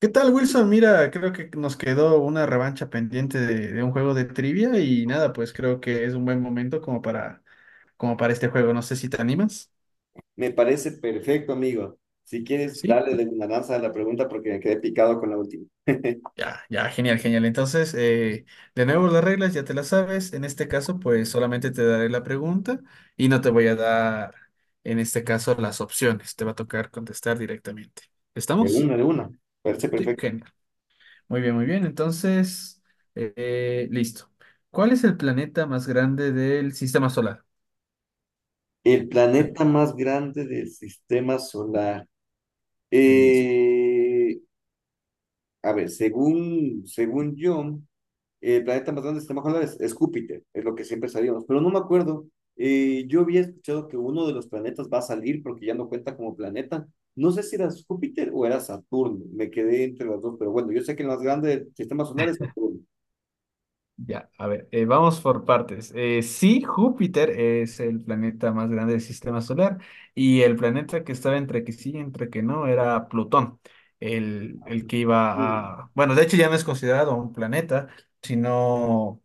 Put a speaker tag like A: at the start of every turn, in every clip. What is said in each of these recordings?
A: ¿Qué tal, Wilson? Mira, creo que nos quedó una revancha pendiente de un juego de trivia y nada, pues creo que es un buen momento como para, como para este juego. No sé si te animas.
B: Me parece perfecto, amigo. Si quieres,
A: Sí,
B: darle de una danza a la pregunta porque me quedé picado con la última.
A: ya, genial. Entonces, de nuevo las reglas ya te las sabes. En este caso, pues solamente te daré la pregunta y no te voy a dar, en este caso, las opciones. Te va a tocar contestar directamente.
B: De
A: ¿Estamos?
B: una, de una. Parece
A: Sí,
B: perfecto.
A: genial. Muy bien, muy bien. Entonces, listo. ¿Cuál es el planeta más grande del sistema solar?
B: El planeta más grande del sistema solar.
A: El mismo.
B: Eh, a ver, según yo, el planeta más grande del sistema solar es Júpiter, es lo que siempre sabíamos, pero no me acuerdo. Yo había escuchado que uno de los planetas va a salir porque ya no cuenta como planeta. No sé si era Júpiter o era Saturno, me quedé entre las dos, pero bueno, yo sé que el más grande del sistema solar es Saturno.
A: Ya, a ver, vamos por partes. Sí, Júpiter es el planeta más grande del sistema solar y el planeta que estaba entre que sí y entre que no era Plutón, el que
B: Mm.
A: iba a... Bueno, de hecho ya no es considerado un planeta, sino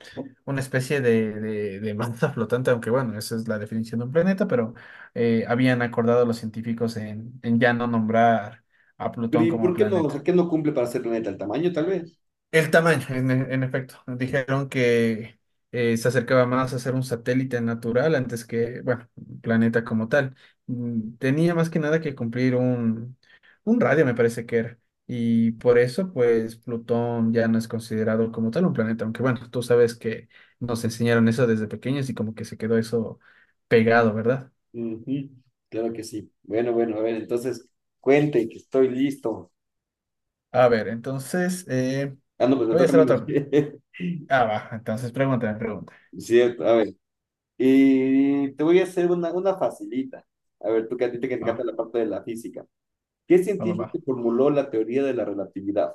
A: una especie de masa flotante, aunque bueno, esa es la definición de un planeta, pero habían acordado los científicos en ya no nombrar a
B: Pero
A: Plutón
B: ¿y
A: como
B: por qué no? O sea,
A: planeta.
B: ¿qué no cumple para ser planeta? ¿El tamaño, tal vez?
A: El tamaño, en efecto. Dijeron que se acercaba más a ser un satélite natural antes que, bueno, un planeta como tal. Mm, tenía más que nada que cumplir un radio, me parece que era. Y por eso, pues, Plutón ya no es considerado como tal un planeta. Aunque, bueno, tú sabes que nos enseñaron eso desde pequeños y como que se quedó eso pegado, ¿verdad?
B: Ujú, claro que sí. Bueno, bueno, a ver, entonces, cuente que estoy listo.
A: A ver, entonces,
B: Ah, no, pues me
A: te voy a
B: toca a
A: hacer
B: mí
A: otra.
B: más bien.
A: Ah, va. Entonces, pregúntame, pregunta.
B: Cierto, a ver. Y te voy a hacer una facilita. A ver, tú que a ti te que te encanta
A: Va,
B: la parte de la física. ¿Qué
A: va, va.
B: científico
A: va.
B: formuló la teoría de la relatividad?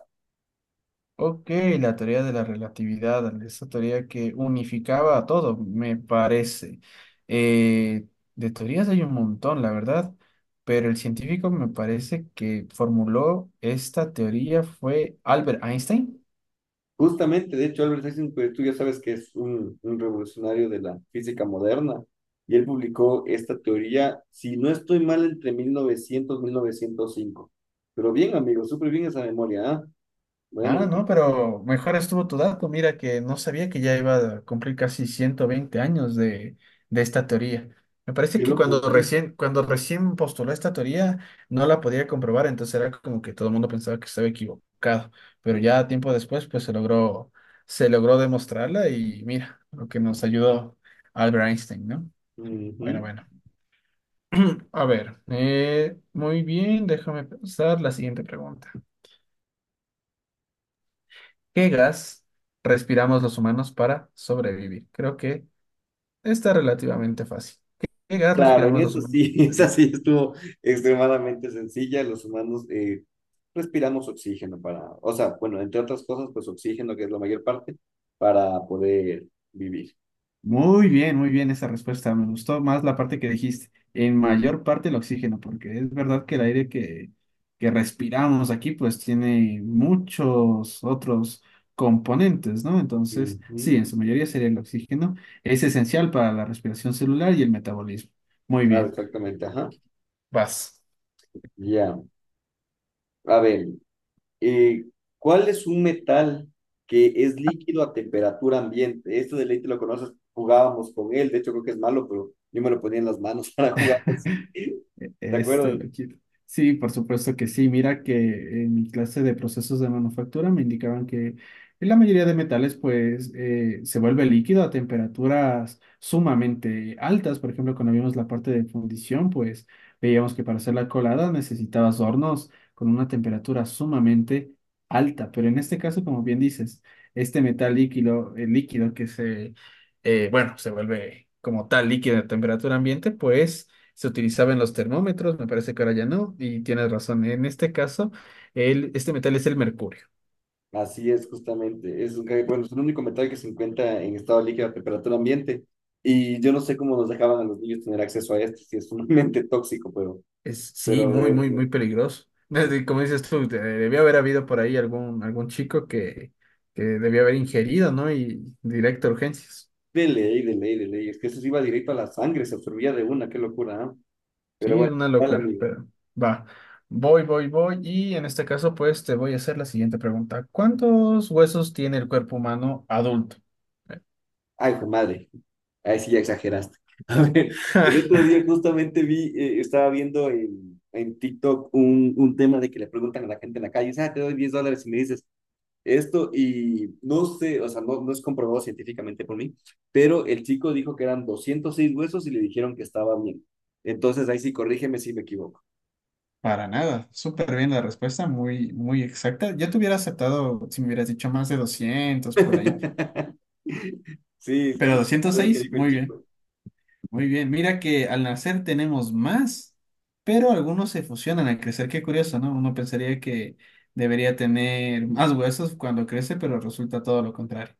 A: Ok, la teoría de la relatividad, esa teoría que unificaba a todo, me parece. Eh, de teorías hay un montón, la verdad, pero el científico me parece que formuló esta teoría fue Albert Einstein.
B: Justamente, de hecho, Albert Einstein, pues, tú ya sabes que es un revolucionario de la física moderna, y él publicó esta teoría, si no estoy mal, entre 1900 y 1905. Pero bien, amigo, súper bien esa memoria, ¿ah?
A: Ah,
B: Bueno,
A: no, pero mejor estuvo tu dato. Mira que no sabía que ya iba a cumplir casi 120 años de esta teoría. Me parece
B: qué
A: que
B: loco. Ujú,
A: cuando recién postuló esta teoría no la podía comprobar, entonces era como que todo el mundo pensaba que estaba equivocado. Pero ya tiempo después, pues se logró demostrarla y mira, lo que nos ayudó Albert Einstein, ¿no?
B: ujú.
A: Bueno, bueno. A ver, muy bien, déjame pensar la siguiente pregunta. ¿Qué gas respiramos los humanos para sobrevivir? Creo que está relativamente fácil. Qué gas
B: Claro, en
A: respiramos los
B: eso
A: humanos
B: sí,
A: para
B: esa
A: sobrevivir?
B: sí estuvo extremadamente sencilla. Los humanos respiramos oxígeno para, o sea, bueno, entre otras cosas, pues oxígeno, que es la mayor parte, para poder vivir.
A: Muy bien esa respuesta. Me gustó más la parte que dijiste. En mayor parte el oxígeno, porque es verdad que el aire que respiramos aquí pues tiene muchos otros componentes, ¿no? Entonces,
B: Ujú.
A: sí, en su mayoría sería el oxígeno. Es esencial para la respiración celular y el metabolismo. Muy
B: Claro,
A: bien.
B: exactamente, ajá.
A: Vas.
B: Ya. A ver, eh, ¿cuál es un metal que es líquido a temperatura ambiente? Esto de ley te lo conoces, jugábamos con él, de hecho creo que es malo, pero yo me lo ponía en las manos para jugar así. ¿Te
A: Este
B: acuerdas?
A: lo quito. Sí, por supuesto que sí. Mira que en mi clase de procesos de manufactura me indicaban que la mayoría de metales pues se vuelve líquido a temperaturas sumamente altas. Por ejemplo, cuando vimos la parte de fundición, pues veíamos que para hacer la colada necesitabas hornos con una temperatura sumamente alta. Pero en este caso, como bien dices, este metal líquido, el líquido que se, bueno, se vuelve como tal líquido a temperatura ambiente, pues se utilizaban los termómetros, me parece que ahora ya no, y tienes razón, en este caso, este metal es el mercurio.
B: Así es, justamente. Bueno, es el único metal que se encuentra en estado líquido a temperatura ambiente. Y yo no sé cómo nos dejaban a los niños tener acceso a esto, si es sumamente tóxico, pero,
A: Es, sí,
B: pero
A: muy,
B: bueno,
A: muy, muy
B: bueno.
A: peligroso. Desde- Como dices tú, de- debió haber habido por ahí algún, algún chico que debió haber ingerido, ¿no? Y directo a urgencias.
B: De ley, de ley, de ley. Es que eso se iba directo a la sangre, se absorbía de una, qué locura, ¿eh? Pero
A: Sí, es
B: bueno,
A: una
B: ¿cuál
A: locura,
B: amigo?
A: pero va. Y en este caso, pues te voy a hacer la siguiente pregunta. ¿Cuántos huesos tiene el cuerpo humano adulto?
B: Ay, hijo de madre, ahí sí ya exageraste. A ver, el otro día justamente estaba viendo en, TikTok un tema de que le preguntan a la gente en la calle, ah, te doy 10 dólares y me dices esto y no sé, o sea, no, no es comprobado científicamente por mí, pero el chico dijo que eran 206 huesos y le dijeron que estaba bien. Entonces ahí sí, corrígeme si me equivoco.
A: Para nada, súper bien la respuesta, muy, muy exacta. Yo te hubiera aceptado si me hubieras dicho más de 200 por ahí,
B: Sí, es
A: pero
B: justo
A: doscientos
B: lo que
A: seis,
B: dijo el
A: muy bien,
B: chico.
A: muy bien. Mira que al nacer tenemos más, pero algunos se fusionan al crecer, qué curioso, ¿no? Uno pensaría que debería tener más huesos cuando crece, pero resulta todo lo contrario.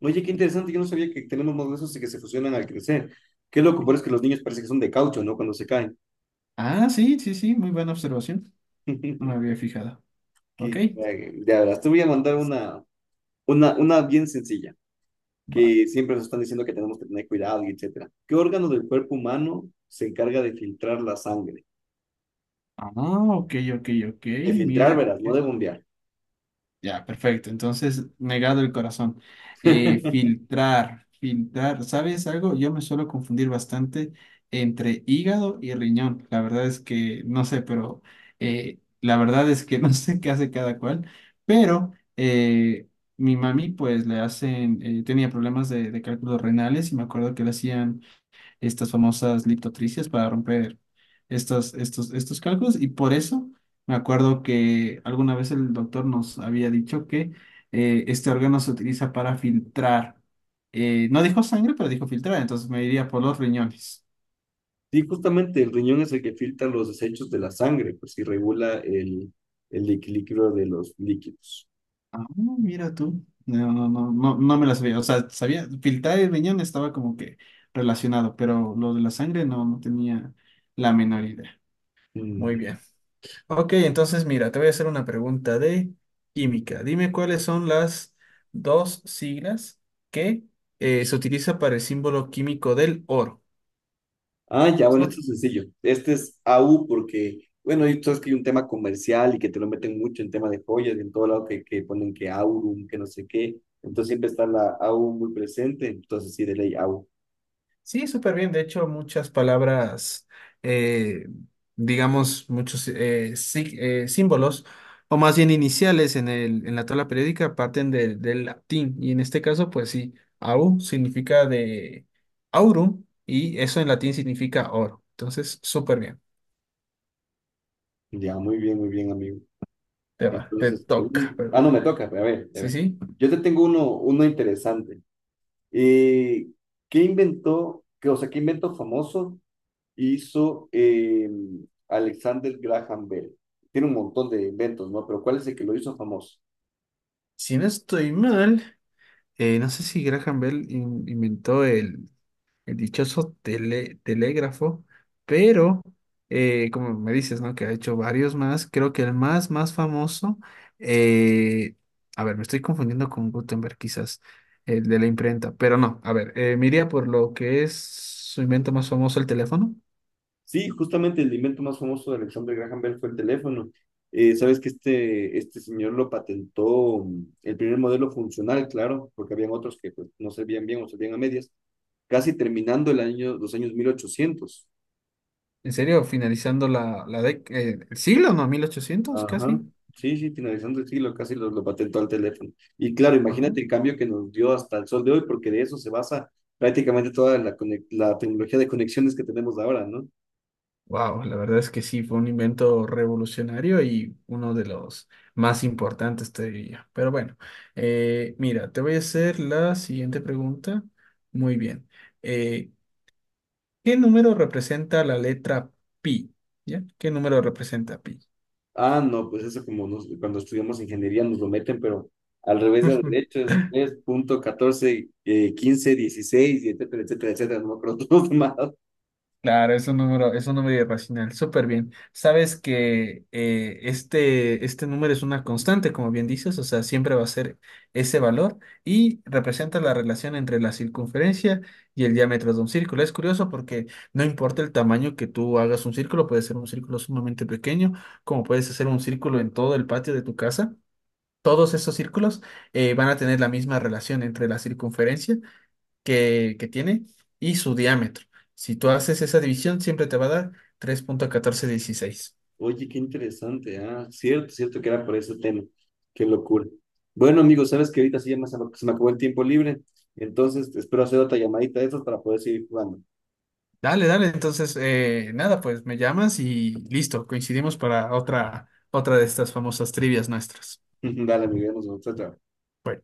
B: Oye, qué interesante, yo no sabía que tenemos modelos de esos que se fusionan al crecer. Qué loco, pero
A: Mira.
B: es que los niños parece que son de caucho, ¿no? Cuando se caen.
A: Ah, sí, sí, sí, muy buena observación, no me había fijado. Ok,
B: Qué cague. Ya verás, te voy a mandar una bien sencilla,
A: va.
B: que siempre nos están diciendo que tenemos que tener cuidado y etcétera. ¿Qué órgano del cuerpo humano se encarga de filtrar la sangre?
A: Ah, ok, ok, ok,
B: De filtrar,
A: mira.
B: verás, no de bombear.
A: Ya, perfecto. Entonces, negado el corazón. Filtrar, filtrar. ¿Sabes algo? Yo me suelo confundir bastante entre hígado y riñón. La verdad es que no sé, pero la verdad es que no sé qué hace cada cual. Pero mi mami, pues le hacen, tenía problemas de cálculos renales y me acuerdo que le hacían estas famosas liptotricias para romper estos cálculos. Y por eso me acuerdo que alguna vez el doctor nos había dicho que este órgano se utiliza para filtrar. No dijo sangre, pero dijo filtrar, entonces me iría por los riñones.
B: Sí, justamente el riñón es el que filtra los desechos de la sangre, pues y regula el equilibrio de los líquidos.
A: Ah, mira tú. No, no, no, no, no me la sabía. O sea, sabía, filtrar el riñón estaba como que relacionado, pero lo de la sangre no, no tenía la menor idea. Muy bien.
B: Ujú.
A: Ok, entonces mira, te voy a hacer una pregunta de química. Dime cuáles son las dos siglas que se utiliza para el símbolo químico del oro.
B: Ah, ya, bueno, esto
A: Son,
B: es sencillo. Este es AU porque, bueno, y tú sabes que hay un tema comercial y que te lo meten mucho en tema de joyas y en todo lado que ponen que Aurum, que no sé qué. Entonces siempre está la AU muy presente. Entonces sí, de ley AU.
A: sí, súper bien. De hecho, muchas palabras, eh, digamos, muchos símbolos, o más bien iniciales en en la tabla periódica, parten del latín. Y en este caso, pues sí, au significa de aurum y eso en latín significa oro. Entonces, súper bien.
B: Ya, muy bien, amigo.
A: Te va, te
B: Entonces,
A: toca,
B: ah,
A: perdón.
B: no, me toca. Pero a ver, a
A: Sí,
B: ver.
A: sí.
B: Yo te tengo uno interesante. Eh, ¿Qué inventó, qué, o sea, qué invento famoso hizo Alexander Graham Bell? Tiene un montón de inventos, ¿no? Pero ¿cuál es el que lo hizo famoso?
A: Si no estoy mal, no sé si Graham Bell inventó el dichoso telégrafo, pero como me dices, ¿no? Que ha hecho varios más. Creo que el más, más famoso, eh, a ver, me estoy confundiendo con Gutenberg quizás, el de la imprenta, pero no, a ver, me iría por lo que es su invento más famoso, el teléfono.
B: Sí, justamente el invento más famoso de Alexander Graham Bell fue el teléfono. Sabes que este señor lo patentó, el primer modelo funcional, claro, porque habían otros que pues, no servían bien o servían a medias, casi terminando el año, los años 1800.
A: ¿En serio? Finalizando la el siglo, ¿no? 1800
B: Ajá,
A: casi.
B: sí, sí, finalizando el siglo, casi lo patentó al teléfono. Y claro,
A: Ah.
B: imagínate el cambio que nos dio hasta el sol de hoy, porque de eso se basa prácticamente toda la tecnología de conexiones que tenemos ahora, ¿no?
A: Wow, la verdad es que sí, fue un invento revolucionario y uno de los más importantes, te diría. Pero bueno, mira, te voy a hacer la siguiente pregunta. Muy bien. Eh, ¿Qué número representa la letra pi? ¿Ya? ¿Qué número representa pi?
B: Ah, no, pues eso cuando estudiamos ingeniería nos lo meten, pero al revés del derecho es 3.14, 15, 16, y etcétera, etcétera, etcétera, no me acuerdo todo más.
A: Claro, es un número irracional, súper bien. Sabes que este, este número es una constante, como bien dices, o sea, siempre va a ser ese valor y representa la relación entre la circunferencia y el diámetro de un círculo. Es curioso porque no importa el tamaño que tú hagas un círculo, puede ser un círculo sumamente pequeño, como puedes hacer un círculo en todo el patio de tu casa. Todos esos círculos van a tener la misma relación entre la circunferencia que tiene y su diámetro. Si tú haces esa división, siempre te va a dar 3,1416.
B: Oye, qué interesante, ah, cierto, cierto que era por ese tema, qué locura. Bueno, amigos, sabes que ahorita sí se me acabó el tiempo libre, entonces espero hacer otra llamadita de estas para poder seguir jugando.
A: Dale, dale. Entonces, nada, pues me llamas y listo. Coincidimos para otra, otra de estas famosas trivias nuestras.
B: Dale, amigos, nos vemos, chao, chao.
A: Bueno.